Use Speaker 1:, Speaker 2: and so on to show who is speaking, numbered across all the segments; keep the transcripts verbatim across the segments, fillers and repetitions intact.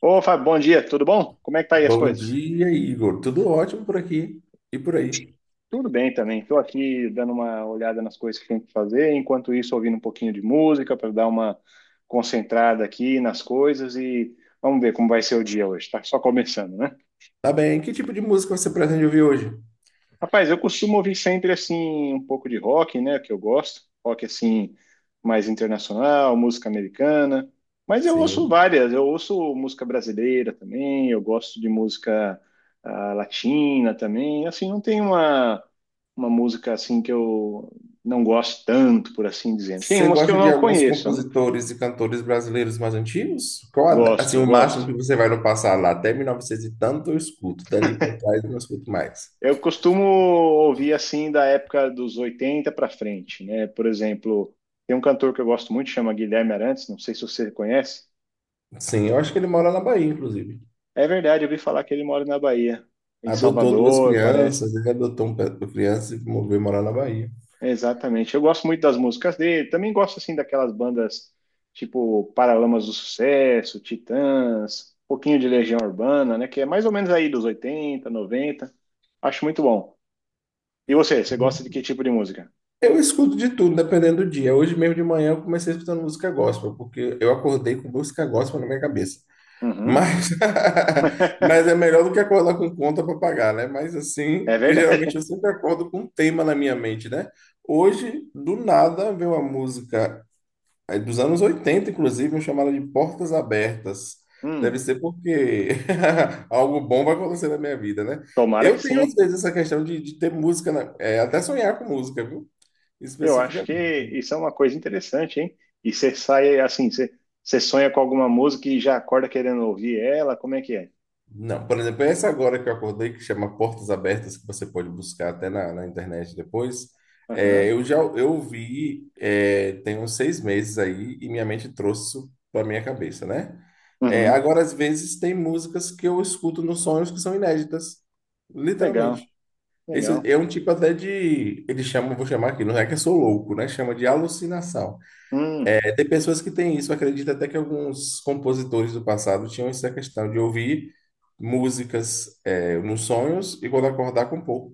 Speaker 1: Ô, Fábio, bom dia, tudo bom? Como é que tá aí as
Speaker 2: Bom
Speaker 1: coisas?
Speaker 2: dia, Igor. Tudo ótimo por aqui e por aí.
Speaker 1: Tudo bem também. Estou aqui dando uma olhada nas coisas que tem que fazer, enquanto isso ouvindo um pouquinho de música para dar uma concentrada aqui nas coisas e vamos ver como vai ser o dia hoje. Tá só começando, né?
Speaker 2: Tá bem. Que tipo de música você pretende ouvir hoje?
Speaker 1: Rapaz, eu costumo ouvir sempre assim um pouco de rock, né, que eu gosto, rock assim mais internacional, música americana, mas eu ouço
Speaker 2: Sim.
Speaker 1: várias, eu ouço música brasileira também, eu gosto de música ah, latina também, assim, não tem uma uma música assim que eu não gosto tanto, por assim dizer. Tem
Speaker 2: Você
Speaker 1: umas que eu
Speaker 2: gosta de
Speaker 1: não
Speaker 2: alguns
Speaker 1: conheço, né?
Speaker 2: compositores e cantores brasileiros mais antigos? Qual, a da- assim,
Speaker 1: Gosto,
Speaker 2: o máximo
Speaker 1: gosto.
Speaker 2: que você vai no passado lá? Até mil e novecentos e tanto eu escuto. Dali pra trás eu não escuto mais.
Speaker 1: Eu costumo ouvir assim da época dos oitenta para frente, né? Por exemplo, tem um cantor que eu gosto muito, chama Guilherme Arantes, não sei se você conhece.
Speaker 2: Sim, eu acho que ele mora na Bahia, inclusive.
Speaker 1: É verdade, eu ouvi falar que ele mora na Bahia, em
Speaker 2: Adotou duas
Speaker 1: Salvador, parece.
Speaker 2: crianças, ele adotou um pe- uma criança e moveu morar na Bahia.
Speaker 1: É, Exatamente. Eu gosto muito das músicas dele, também gosto assim daquelas bandas tipo Paralamas do Sucesso, Titãs, um pouquinho de Legião Urbana, né? Que é mais ou menos aí dos oitenta, noventa. Acho muito bom. E você, você gosta de que tipo de música?
Speaker 2: Eu escuto de tudo, dependendo do dia. Hoje mesmo de manhã eu comecei escutando música gospel, porque eu acordei com música gospel na minha cabeça.
Speaker 1: Uhum.
Speaker 2: Mas, mas é melhor do que acordar com conta para pagar, né? Mas assim,
Speaker 1: É
Speaker 2: que geralmente eu
Speaker 1: verdade.
Speaker 2: sempre acordo com um tema na minha mente, né? Hoje, do nada, veio uma música eh, dos anos oitenta, inclusive, chamada de Portas Abertas. Deve
Speaker 1: Hum.
Speaker 2: ser porque algo bom vai acontecer na minha vida, né?
Speaker 1: Tomara que
Speaker 2: Eu tenho, às
Speaker 1: sim.
Speaker 2: vezes, essa questão de, de ter música, na- eh, até sonhar com música, viu?
Speaker 1: Eu acho que
Speaker 2: Especificamente.
Speaker 1: isso é uma coisa interessante, hein? E você sai assim, você, você sonha com alguma música e já acorda querendo ouvir ela? Como é que é?
Speaker 2: Não, por exemplo, essa agora que eu acordei, que chama Portas Abertas, que você pode buscar até na, na internet depois,
Speaker 1: Aham,
Speaker 2: é, eu já eu vi é, tem uns seis meses aí e minha mente trouxe isso para minha cabeça, né? É,
Speaker 1: uhum.
Speaker 2: agora, às vezes, tem músicas que eu escuto nos sonhos que são inéditas,
Speaker 1: Legal,
Speaker 2: literalmente. Isso
Speaker 1: legal.
Speaker 2: é um tipo até de, eles chamam, vou chamar aqui, não é que eu sou louco, né? Chama de alucinação.
Speaker 1: Hum.
Speaker 2: Tem pessoas que têm isso, acredito até que alguns compositores do passado tinham essa questão de ouvir músicas é, nos sonhos e quando acordar compor.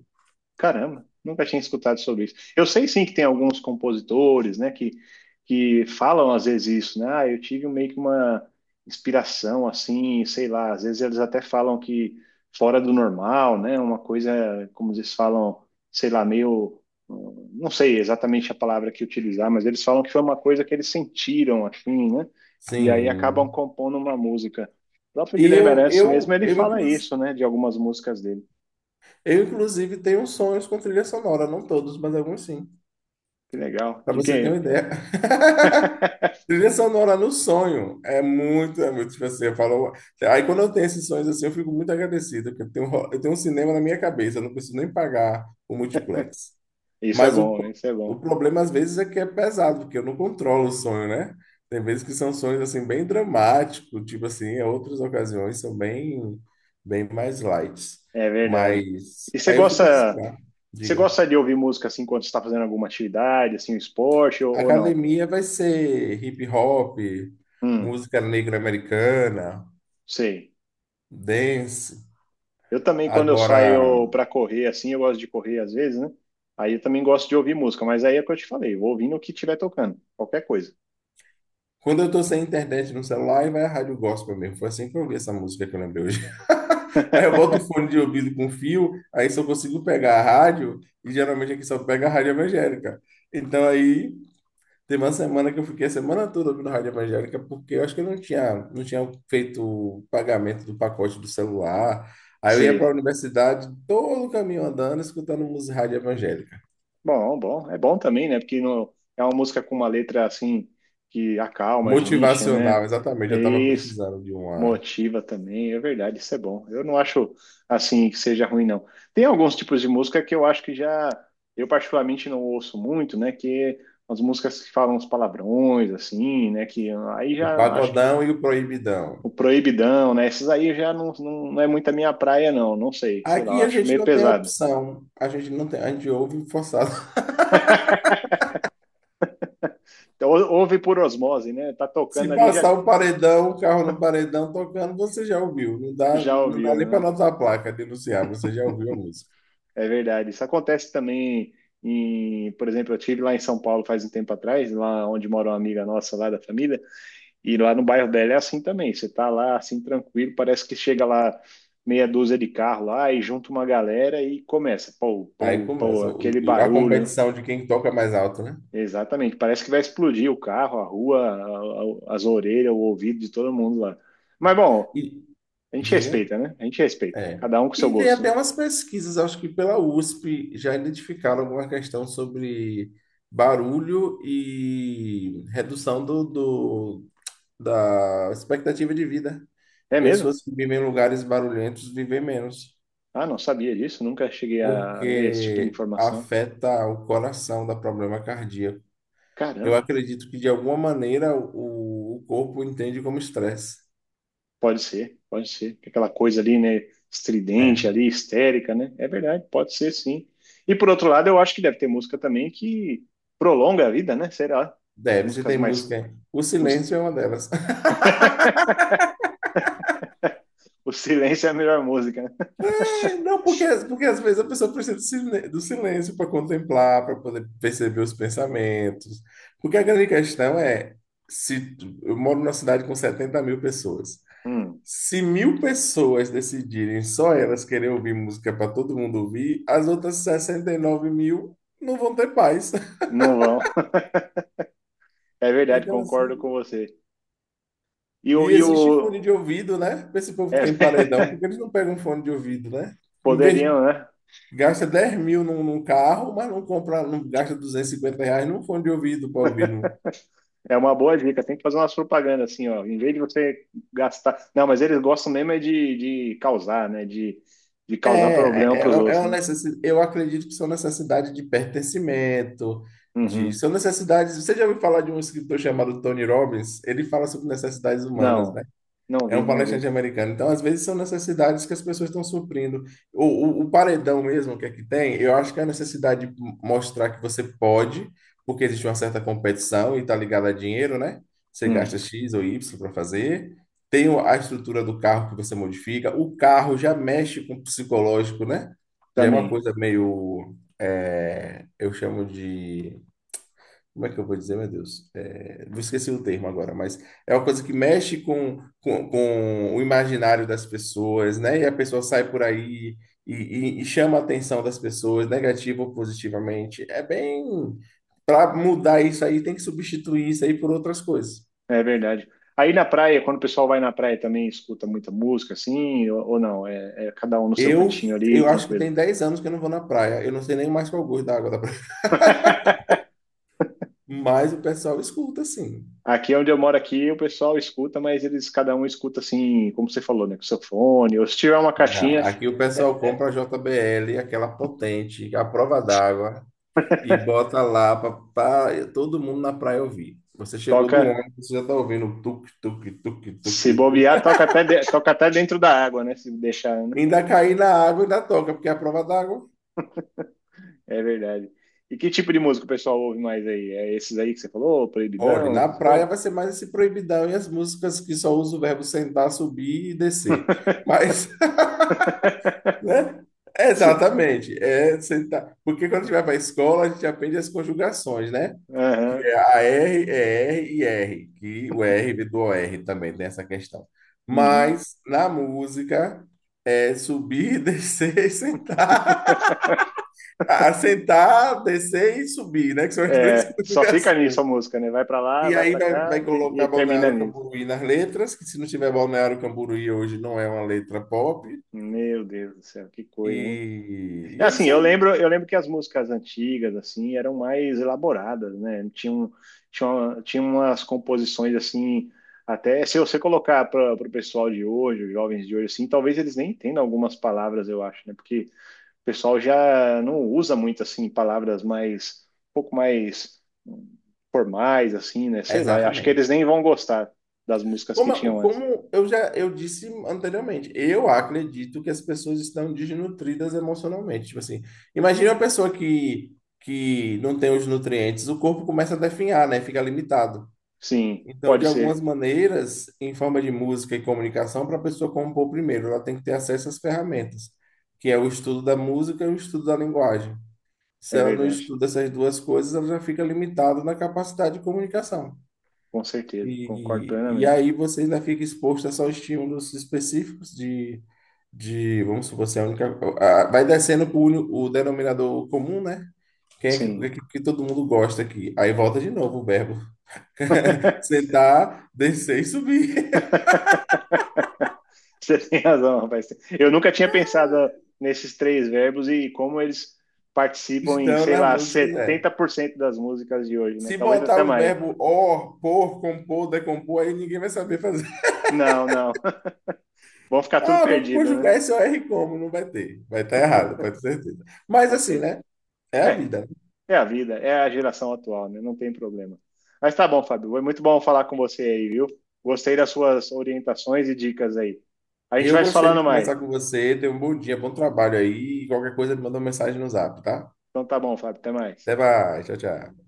Speaker 1: Caramba, nunca tinha escutado sobre isso. Eu sei sim que tem alguns compositores, né, que, que falam às vezes isso, né? Ah, eu tive meio que uma inspiração assim, sei lá, às vezes eles até falam que fora do normal, né? Uma coisa, como eles falam, sei lá, meio hum, não sei exatamente a palavra que utilizar, mas eles falam que foi uma coisa que eles sentiram assim, né? E aí acabam
Speaker 2: Sim.
Speaker 1: compondo uma música. O próprio
Speaker 2: E
Speaker 1: Guilherme
Speaker 2: eu,
Speaker 1: Arantes mesmo,
Speaker 2: eu,
Speaker 1: ele
Speaker 2: eu,
Speaker 1: fala
Speaker 2: inclus-
Speaker 1: isso, né, de algumas músicas dele.
Speaker 2: eu, inclusive, tenho sonhos com trilha sonora, não todos, mas alguns sim,
Speaker 1: Que legal.
Speaker 2: para
Speaker 1: De
Speaker 2: você ter uma
Speaker 1: que
Speaker 2: ideia. Trilha sonora no sonho é muito, é muito, tipo assim, eu falo, aí quando eu tenho esses sonhos assim, eu fico muito agradecido, porque eu tenho, eu tenho um cinema na minha cabeça, eu não preciso nem pagar o multiplex.
Speaker 1: Isso é
Speaker 2: Mas o,
Speaker 1: bom, isso é
Speaker 2: o
Speaker 1: bom.
Speaker 2: problema às vezes é que é pesado, porque eu não controlo o sonho, né? Tem vezes que são sonhos assim bem dramáticos, tipo assim, é outras ocasiões são bem bem mais light.
Speaker 1: É verdade.
Speaker 2: Mas
Speaker 1: E você
Speaker 2: aí eu fui
Speaker 1: gosta,
Speaker 2: pesquisar,
Speaker 1: você
Speaker 2: diga.
Speaker 1: gosta de ouvir música assim quando você está fazendo alguma atividade, assim, um esporte ou, ou não?
Speaker 2: Academia vai ser hip hop,
Speaker 1: Hum,
Speaker 2: música negra americana,
Speaker 1: sei.
Speaker 2: dance.
Speaker 1: Eu também, quando eu
Speaker 2: Agora,
Speaker 1: saio para correr, assim, eu gosto de correr às vezes, né? Aí eu também gosto de ouvir música, mas aí é o que eu te falei, vou ouvindo o que estiver tocando, qualquer coisa.
Speaker 2: quando eu tô sem internet no celular, aí vai a rádio gospel mesmo. Foi assim que eu ouvi essa música que eu lembrei hoje. Aí eu boto o fone de ouvido com fio, aí só consigo pegar a rádio, e geralmente aqui só pega a rádio evangélica. Então aí tem uma semana que eu fiquei a semana toda ouvindo rádio evangélica, porque eu acho que eu não tinha, não tinha feito o pagamento do pacote do celular. Aí eu ia para a
Speaker 1: Sei.
Speaker 2: universidade todo o caminho andando, escutando música rádio evangélica.
Speaker 1: Bom, bom, é bom também, né? Porque não, é uma música com uma letra assim que acalma a gente, né?
Speaker 2: Motivacional, exatamente.
Speaker 1: É
Speaker 2: Eu estava
Speaker 1: isso,
Speaker 2: precisando de uma,
Speaker 1: motiva também, é verdade, isso é bom. Eu não acho assim que seja ruim, não. Tem alguns tipos de música que eu acho que já, eu particularmente não ouço muito, né? Que as músicas que falam uns palavrões, assim, né? Que aí
Speaker 2: o
Speaker 1: já acho que
Speaker 2: pagodão e o proibidão.
Speaker 1: o proibidão, né? Esses aí já não, não, não é muito a minha praia, não. Não sei, sei lá, eu
Speaker 2: Aqui a
Speaker 1: acho
Speaker 2: gente
Speaker 1: meio
Speaker 2: não tem
Speaker 1: pesado.
Speaker 2: opção. A gente não tem, a gente ouve forçado.
Speaker 1: Então, ou- ouve por osmose, né? Tá
Speaker 2: Se
Speaker 1: tocando ali, já
Speaker 2: passar o paredão, o carro no paredão tocando, você já ouviu. Não dá,
Speaker 1: Já
Speaker 2: não dá
Speaker 1: ouviu,
Speaker 2: nem para
Speaker 1: né?
Speaker 2: notar a placa denunciar, você já ouviu a música.
Speaker 1: É verdade. Isso acontece também em, por exemplo, eu tive lá em São Paulo faz um tempo atrás, lá onde mora uma amiga nossa lá da família, e lá no bairro dela é assim também. Você tá lá assim tranquilo, parece que chega lá meia dúzia de carro lá e junta uma galera e começa, pô,
Speaker 2: Aí
Speaker 1: pô, pô,
Speaker 2: começa
Speaker 1: aquele
Speaker 2: o- a
Speaker 1: barulho.
Speaker 2: competição de quem toca mais alto, né?
Speaker 1: Exatamente, parece que vai explodir o carro, a rua, a- a- as orelhas, o ouvido de todo mundo lá. Mas bom,
Speaker 2: E
Speaker 1: a gente
Speaker 2: diga,
Speaker 1: respeita, né? A gente respeita.
Speaker 2: é.
Speaker 1: Cada um com seu
Speaker 2: E tem
Speaker 1: gosto, né?
Speaker 2: até umas pesquisas, acho que pela USP já identificaram alguma questão sobre barulho e redução do, do, da expectativa de vida.
Speaker 1: É mesmo?
Speaker 2: Pessoas que vivem em lugares barulhentos vivem menos,
Speaker 1: Ah, não sabia disso, nunca cheguei a ver esse tipo de
Speaker 2: porque
Speaker 1: informação.
Speaker 2: afeta o coração, dá problema cardíaco. Eu
Speaker 1: Caramba,
Speaker 2: acredito que, de alguma maneira, o, o corpo entende como estresse.
Speaker 1: pode ser, pode ser. Aquela coisa ali, né, estridente
Speaker 2: É,
Speaker 1: ali, histérica, né? É verdade, pode ser sim. E por outro lado, eu acho que deve ter música também que prolonga a vida, né? Será? As
Speaker 2: deve, se
Speaker 1: músicas
Speaker 2: tem música
Speaker 1: mais.
Speaker 2: aí. O
Speaker 1: Mus-
Speaker 2: silêncio é uma delas.
Speaker 1: O silêncio é a melhor música, né?
Speaker 2: Não, porque, porque às vezes a pessoa precisa do silê- do silêncio para contemplar, para poder perceber os pensamentos. Porque a grande questão é, se tu- eu moro numa cidade com setenta mil pessoas.
Speaker 1: Hum,
Speaker 2: Se mil pessoas decidirem só elas querer ouvir música para todo mundo ouvir, as outras sessenta e nove mil não vão ter paz.
Speaker 1: não vão. É verdade,
Speaker 2: Então,
Speaker 1: concordo com
Speaker 2: assim.
Speaker 1: você. E o.
Speaker 2: E
Speaker 1: E o...
Speaker 2: existe fone de ouvido, né? Para esse povo que tem paredão,
Speaker 1: é,
Speaker 2: porque eles não pegam fone de ouvido, né? Em vez,
Speaker 1: poderiam, né?
Speaker 2: gasta dez mil num, num carro, mas não compra, não gasta duzentos e cinquenta reais num fone de ouvido para ouvir.
Speaker 1: É uma boa dica, tem que fazer umas propagandas assim, ó. Em vez de você gastar. Não, mas eles gostam mesmo é de, de, causar, né? De, de causar problema
Speaker 2: É, é,
Speaker 1: para os
Speaker 2: é é
Speaker 1: outros,
Speaker 2: uma
Speaker 1: né?
Speaker 2: necessidade, eu acredito que são necessidade de pertencimento, de,
Speaker 1: Uhum.
Speaker 2: são necessidades. Você já ouviu falar de um escritor chamado Tony Robbins? Ele fala sobre necessidades humanas,
Speaker 1: Não,
Speaker 2: né?
Speaker 1: não
Speaker 2: É
Speaker 1: vi,
Speaker 2: um
Speaker 1: não vi.
Speaker 2: palestrante americano. Então, às vezes, são necessidades que as pessoas estão suprindo. O, o, o paredão mesmo que aqui tem, eu acho que é a necessidade de mostrar que você pode, porque existe uma certa competição e está ligada a dinheiro, né? Você
Speaker 1: Hum,
Speaker 2: gasta X ou Y para fazer. Tem o- a estrutura do carro que você modifica. O carro já mexe com o psicológico, né? Já é uma
Speaker 1: também,
Speaker 2: coisa meio, é, eu chamo de, como é que eu vou dizer, meu Deus? É, vou esquecer o termo agora, mas é uma coisa que mexe com, com, com o imaginário das pessoas, né? E a pessoa sai por aí e, e- e chama a atenção das pessoas, negativa ou positivamente. É bem. Para mudar isso aí, tem que substituir isso aí por outras coisas.
Speaker 1: é verdade. Aí na praia, quando o pessoal vai na praia também escuta muita música, assim, ou, ou não? É, é cada um no seu
Speaker 2: Eu,
Speaker 1: cantinho ali,
Speaker 2: eu acho que
Speaker 1: tranquilo.
Speaker 2: tem dez anos que eu não vou na praia. Eu não sei nem mais qual o gosto da água da praia. Mas o pessoal escuta, assim.
Speaker 1: Aqui onde eu moro aqui, o pessoal escuta, mas eles cada um escuta assim, como você falou, né? Com seu fone, ou se tiver uma
Speaker 2: Não,
Speaker 1: caixinha,
Speaker 2: aqui o pessoal
Speaker 1: é,
Speaker 2: compra a J B L, aquela potente, a prova d'água. E bota lá para todo mundo na praia ouvir. Você chegou do
Speaker 1: toca
Speaker 2: ônibus, você já tá ouvindo tuk, tuk, tuk, tuk,
Speaker 1: Se
Speaker 2: tuk.
Speaker 1: bobear, toca até, de- toca até dentro da água, né? Se deixar, né?
Speaker 2: Ainda cair na água, ainda toca, porque é a prova d'água.
Speaker 1: É verdade. E que tipo de música o pessoal ouve mais aí? É esses aí que você falou,
Speaker 2: Olha,
Speaker 1: Proibidão,
Speaker 2: na
Speaker 1: essas
Speaker 2: praia
Speaker 1: coisas?
Speaker 2: vai ser mais esse proibidão e as músicas que só usam o verbo sentar, subir e descer. Mas, né?
Speaker 1: Se-
Speaker 2: Exatamente. É sentar. Porque quando a gente vai para a escola, a gente aprende as conjugações, né?
Speaker 1: Aham,
Speaker 2: É A R é R e R, que o R vem do O r também, tem essa questão.
Speaker 1: uhum.
Speaker 2: Mas na música é subir, descer, e sentar. Ah, sentar, descer e subir, né? Que são as três
Speaker 1: É, só fica nisso a
Speaker 2: conjugações.
Speaker 1: música, né? Vai pra lá,
Speaker 2: E
Speaker 1: vai
Speaker 2: aí
Speaker 1: pra
Speaker 2: vai,
Speaker 1: cá
Speaker 2: vai
Speaker 1: e, e
Speaker 2: colocar
Speaker 1: termina
Speaker 2: Balneário
Speaker 1: nisso.
Speaker 2: Camboriú nas letras, que se não tiver Balneário Camboriú hoje não é uma letra pop.
Speaker 1: Meu Deus do céu, que coisa, hein?
Speaker 2: E,
Speaker 1: É
Speaker 2: e é
Speaker 1: Assim,
Speaker 2: isso
Speaker 1: eu
Speaker 2: aí.
Speaker 1: lembro, eu lembro que as músicas antigas assim eram mais elaboradas, né? Tinha, um- tinha, uma- tinha umas composições assim, até se você colocar para o pessoal de hoje, os jovens de hoje assim, talvez eles nem entendam algumas palavras, eu acho, né? Porque o pessoal já não usa muito assim palavras mais um pouco mais hum, formais assim, né? Sei lá, eu acho que eles
Speaker 2: Exatamente.
Speaker 1: nem vão gostar das músicas que
Speaker 2: Como,
Speaker 1: tinham antes.
Speaker 2: como eu já eu disse anteriormente, eu acredito que as pessoas estão desnutridas emocionalmente. Tipo assim, imagina uma pessoa que, que não tem os nutrientes, o corpo começa a definhar, né? Fica limitado.
Speaker 1: Sim,
Speaker 2: Então,
Speaker 1: pode
Speaker 2: de algumas
Speaker 1: ser,
Speaker 2: maneiras, em forma de música e comunicação, para a pessoa compor primeiro, ela tem que ter acesso às ferramentas, que é o estudo da música e o estudo da linguagem. Se
Speaker 1: é
Speaker 2: ela não
Speaker 1: verdade.
Speaker 2: estuda essas duas coisas, ela já fica limitada na capacidade de comunicação.
Speaker 1: Com certeza, concordo
Speaker 2: E, e
Speaker 1: plenamente.
Speaker 2: aí você ainda fica exposto a só estímulos específicos de, de vamos supor, você é a única. a- Vai descendo para o denominador comum, né? Quem é que,
Speaker 1: Sim.
Speaker 2: que, é que todo mundo gosta aqui? Aí volta de novo o verbo. Sentar, descer e subir.
Speaker 1: Você tem razão, rapaz. Eu nunca tinha pensado nesses três verbos e como eles participam em,
Speaker 2: Estão
Speaker 1: sei
Speaker 2: nas
Speaker 1: lá,
Speaker 2: músicas, é.
Speaker 1: setenta por cento das músicas de hoje, né?
Speaker 2: Se
Speaker 1: Talvez
Speaker 2: botar
Speaker 1: até
Speaker 2: um
Speaker 1: mais.
Speaker 2: verbo or, por, compor, decompor, aí ninguém vai saber fazer.
Speaker 1: Não, não. Vão ficar tudo
Speaker 2: Ah, vamos
Speaker 1: perdido, né?
Speaker 2: conjugar esse OR como? Não vai ter. Vai estar errado, pode ter certeza. Mas
Speaker 1: Com
Speaker 2: assim,
Speaker 1: certeza.
Speaker 2: né? É a
Speaker 1: É,
Speaker 2: vida, né?
Speaker 1: é a vida, é a geração atual, né? Não tem problema. Mas tá bom, Fábio. Foi muito bom falar com você aí, viu? Gostei das suas orientações e dicas aí. A gente
Speaker 2: Eu
Speaker 1: vai se
Speaker 2: gostei
Speaker 1: falando
Speaker 2: de
Speaker 1: mais.
Speaker 2: conversar com você. Tenha um bom dia, bom trabalho aí. Qualquer coisa, me manda uma mensagem no zap, tá?
Speaker 1: Então tá bom, Fábio. Até mais.
Speaker 2: Até mais. Tchau, tchau.